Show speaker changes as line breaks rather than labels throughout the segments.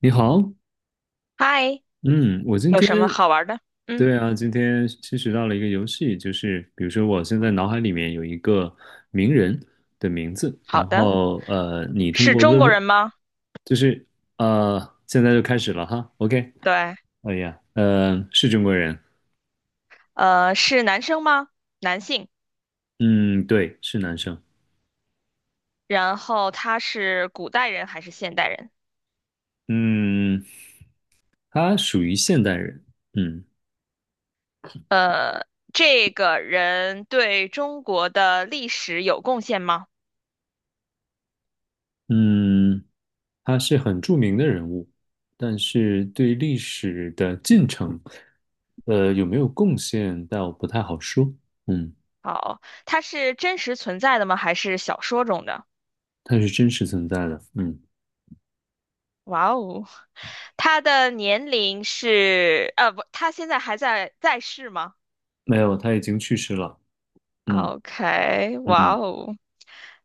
你好。
嗨，
嗯，我今
有
天，
什么好玩的？嗯，
对啊，今天新学到了一个游戏，就是比如说我现在脑海里面有一个名人的名字，
好
然
的。
后你通
是
过
中
问
国人
问，
吗？
就是现在就开始了哈。OK。
对，
哎呀，是中国人。
是男生吗？男性。
嗯，对，是男生。
然后他是古代人还是现代人？
嗯，他属于现代人。嗯
这个人对中国的历史有贡献吗？
嗯，他是很著名的人物，但是对历史的进程，有没有贡献倒不太好说。嗯，
好，他是真实存在的吗？还是小说中的？
他是真实存在的。嗯，
哇哦，他的年龄是，不，他现在还在世吗
没有，他已经去世了。嗯
？OK，哇
嗯
哦，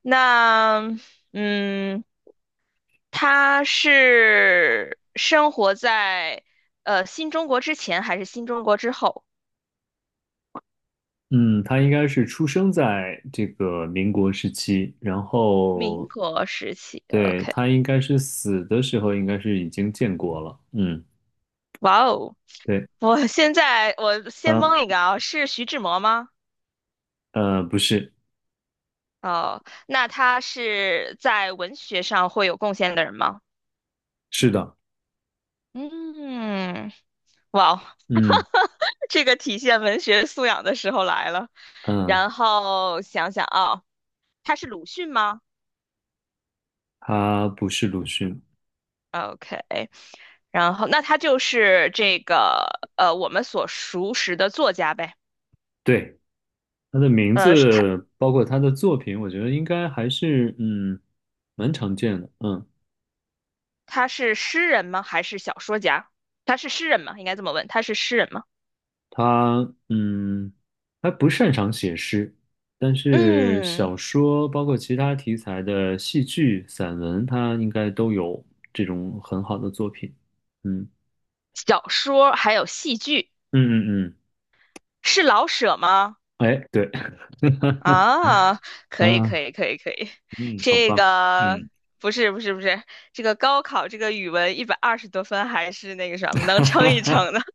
那嗯，他是生活在新中国之前还是新中国之后？
嗯，他应该是出生在这个民国时期，然
民
后，
国时期
对，
，OK，
他应该是死的时候应该是已经建国了。嗯，
哇哦！
对。
我现在我先
啊
蒙一个啊，是徐志摩吗？
呃，不是。
哦，那他是在文学上会有贡献的人吗？
是的。
嗯，哇哦，
嗯
这个体现文学素养的时候来了。
嗯，
然后想想啊，他是鲁迅吗？
他不是鲁迅。
OK，然后那他就是这个我们所熟识的作家呗。
对，他的名
呃，是他
字，包括他的作品，我觉得应该还是蛮常见的。嗯，
他是诗人吗？还是小说家？他是诗人吗？应该这么问，他是诗人吗？
他他不擅长写诗，但是
嗯，
小说包括其他题材的戏剧、散文，他应该都有这种很好的作品。嗯
小说还有戏剧，
嗯嗯
是老舍吗？
嗯，哎，对。
啊，可以
啊，
可以可以可以，
嗯，好
这
棒。
个
嗯，
不是不是不是，这个高考这个语文120多分还是那个什么能撑一撑的。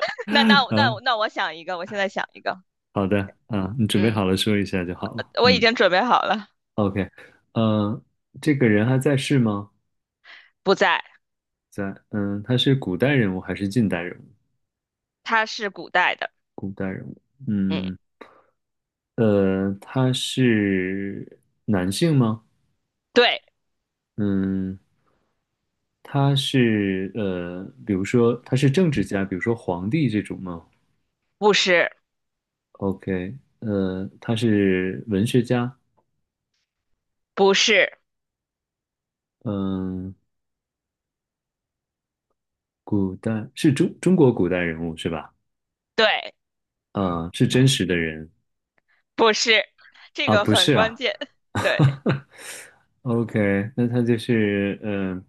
那那我那
啊，
我那我想一个，我现在想一个，
好的。啊，你准备
嗯。
好了说一下就好了。
我已
嗯。
经准备好了，
OK。呃，这个人还在世吗？
不在，
在，嗯，他是古代人物还是近代人物？
它是古代的，
古代人物。
嗯，
嗯，他是男性吗？
对，
嗯，他是比如说他是政治家，比如说皇帝这种吗
不是，
？OK。他是文学家。
不是，
嗯，古代是中国古代人物是吧？
对，
嗯，是真实的人
不是，这
啊，
个
不
很
是
关
啊。
键，对，
OK。那他就是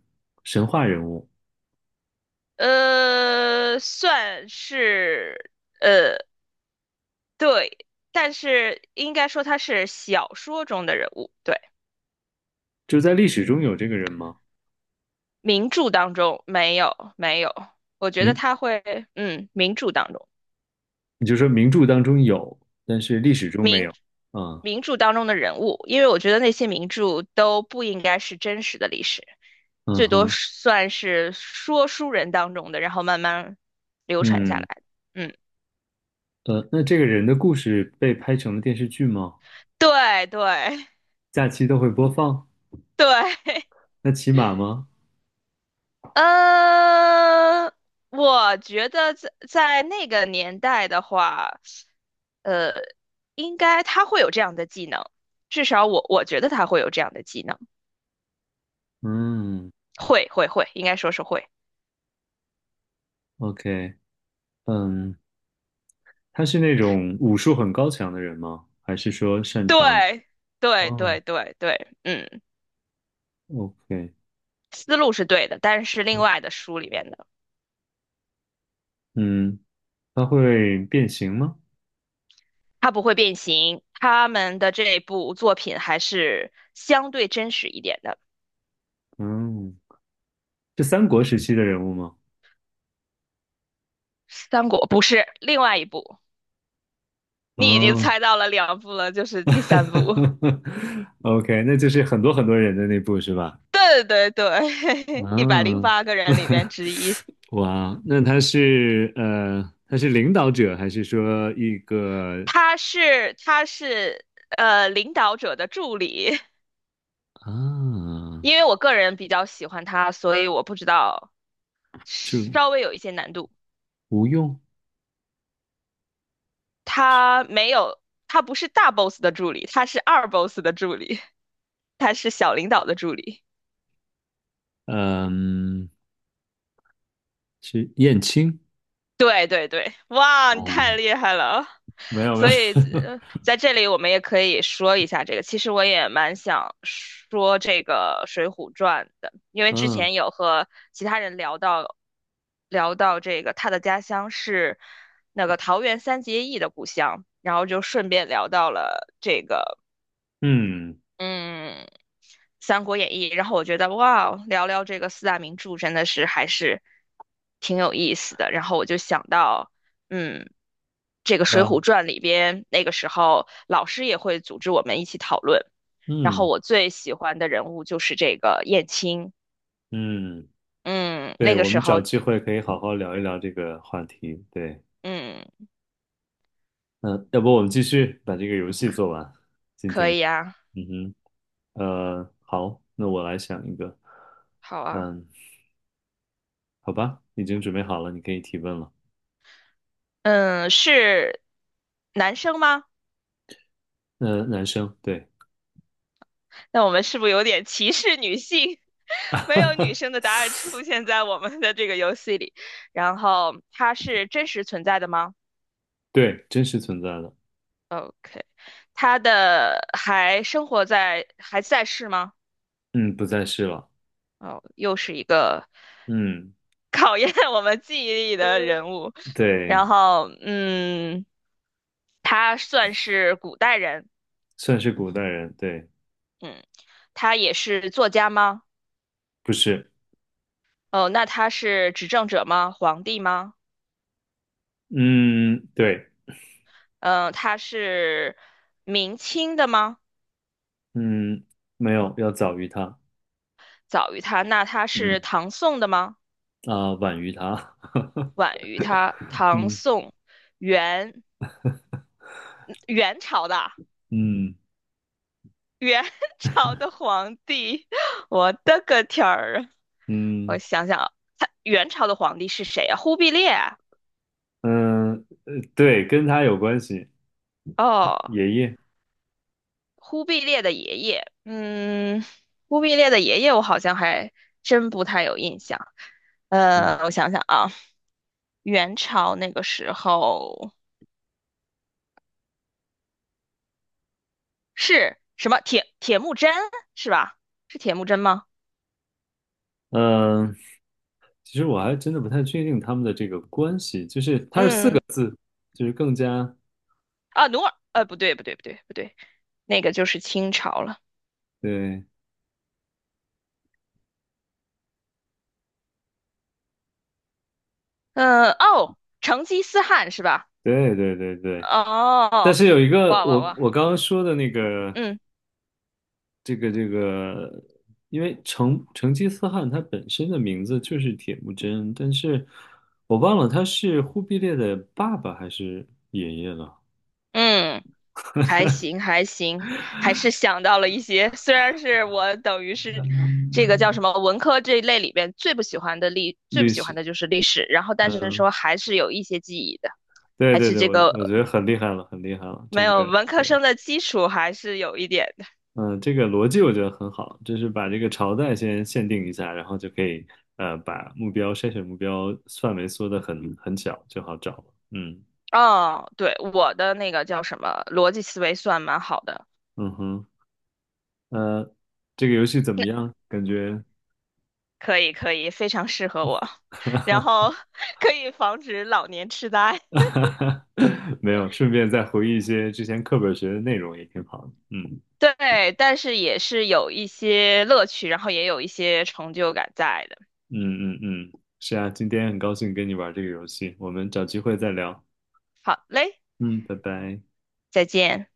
神话人物，
算是，呃，对，但是应该说他是小说中的人物，对，
就在历史中有这个人吗？
名著当中没有，没有，我觉得
名，
他会，嗯，名著当中，
你就说名著当中有，但是历史中没
名。
有。啊。
名著当中的人物，因为我觉得那些名著都不应该是真实的历史。
嗯
最多
哼。
是算是说书人当中的，然后慢慢流传下来
嗯，
的嗯，
那这个人的故事被拍成了电视剧吗？
对对
假期都会播放？
对，
那骑马吗？
呃，我觉得在那个年代的话，呃，应该他会有这样的技能，至少我觉得他会有这样的技能，
嗯
会会会，应该说是会。
，OK。嗯，他是那种武术很高强的人吗？还是说擅长？
对对
哦
对对对，嗯，
，OK。
思路是对的，但是另外的书里面的。
嗯，他会变形吗？
他不会变形。他们的这部作品还是相对真实一点的。
嗯是三国时期的人物吗？
三国不是另外一部，你已经
嗯。
猜到了两部了，就是
啊。
第三部。
，OK。那就是很多很多人的那部是吧？
对对对，一百零
啊。
八个人里边之一，
哇，那他是他是领导者还是说一个
他是领导者的助理，
啊，
因为我个人比较喜欢他，所以我不知道
就
稍微有一些难度。
吴用？
他没有，他不是大 boss 的助理，他是二 boss 的助理，他是小领导的助理。
嗯，是燕青？
对对对，哇，你太
哦，
厉害了！
没有没有。
所以，在这里我们也可以说一下这个。其实我也蛮想说这个《水浒传》的，因 为之
嗯
前有和其他人聊到，聊到这个他的家乡是那个桃园三结义的故乡，然后就顺便聊到了这个
嗯。
嗯，《三国演义》，然后我觉得哇，聊聊这个四大名著真的是还是挺有意思的。然后我就想到，嗯，这个
对
《水
啊。
浒传》里边，那个时候老师也会组织我们一起讨论。然后
嗯
我最喜欢的人物就是这个燕青，
嗯。
嗯，那
对，
个
我
时
们找
候，
机会可以好好聊一聊这个话题，对。
嗯，
嗯，要不我们继续把这个游戏做完。今
可
天，
以啊，
嗯哼。好，那我来想一个。
好啊，
嗯，好吧，已经准备好了，你可以提问了。
嗯，是男生吗？
男生，对。
那我们是不是有点歧视女性？没有女生的答案出现在我们的这个游戏里。然后它是真实存在的吗
对，真实存在的。
哦？OK，它的还生活在还在世吗？
嗯，不再是了。
哦，又是一个
嗯，
考验我们记忆力的人物。
对，
然后，他算是古代人，
算是古代人，对。
嗯，他也是作家吗？
不是。
哦，那他是执政者吗？皇帝吗？
嗯。对。
嗯、他是明清的吗？
嗯，没有，要早于他。
早于他，那他是
嗯。
唐宋的吗？
啊、晚于他。
晚于他，唐
嗯
宋元元朝的
嗯
元 朝的皇帝，我的个天儿啊！我
嗯
想想啊，他元朝的皇帝是谁啊？忽必烈啊
嗯，对，跟他有关系，
哦，
爷爷。
忽必烈的爷爷，嗯，忽必烈的爷爷我好像还真不太有印象。
嗯。
我想想啊，元朝那个时候是什么铁木真是吧？是铁木真吗？
嗯，其实我还真的不太确定他们的这个关系，就是它是四个
嗯，
字，就是更加，
啊，努尔，不对，不对，不对，不对，那个就是清朝了。
对，
嗯、哦，成吉思汗是吧？
对对对对。但
哦，
是有一个
哇哇
我
哇，
我刚刚说的那个
嗯
这个，因为成吉思汗他本身的名字就是铁木真，但是我忘了他是忽必烈的爸爸还是爷爷了，
嗯，还行还行，还是想到了一些，虽然是我等于是这个叫什么文科这一类里边最不
历
喜欢
史。
的就是历史，然后但是
嗯，
说还是有一些记忆的，
对
还
对
是
对，
这
我
个
我觉得很厉害了，很厉害了，
没
这
有
个。
文科
对。
生的基础还是有一点
嗯，这个逻辑我觉得很好，就是把这个朝代先限定一下，然后就可以把目标筛选目标范围缩得很小，就好找了。嗯
哦，对，我的那个叫什么，逻辑思维算蛮好的，
嗯哼。呃，这个游戏怎么
那
样？感觉
可以可以，非常适合我，然后 可以防止老年痴呆。
没有，顺便再回忆一些之前课本学的内容也挺好的。嗯
对，但是也是有一些乐趣，然后也有一些成就感在的。
嗯嗯嗯，是啊，今天很高兴跟你玩这个游戏，我们找机会再聊。
好嘞，
嗯，拜拜。
再见。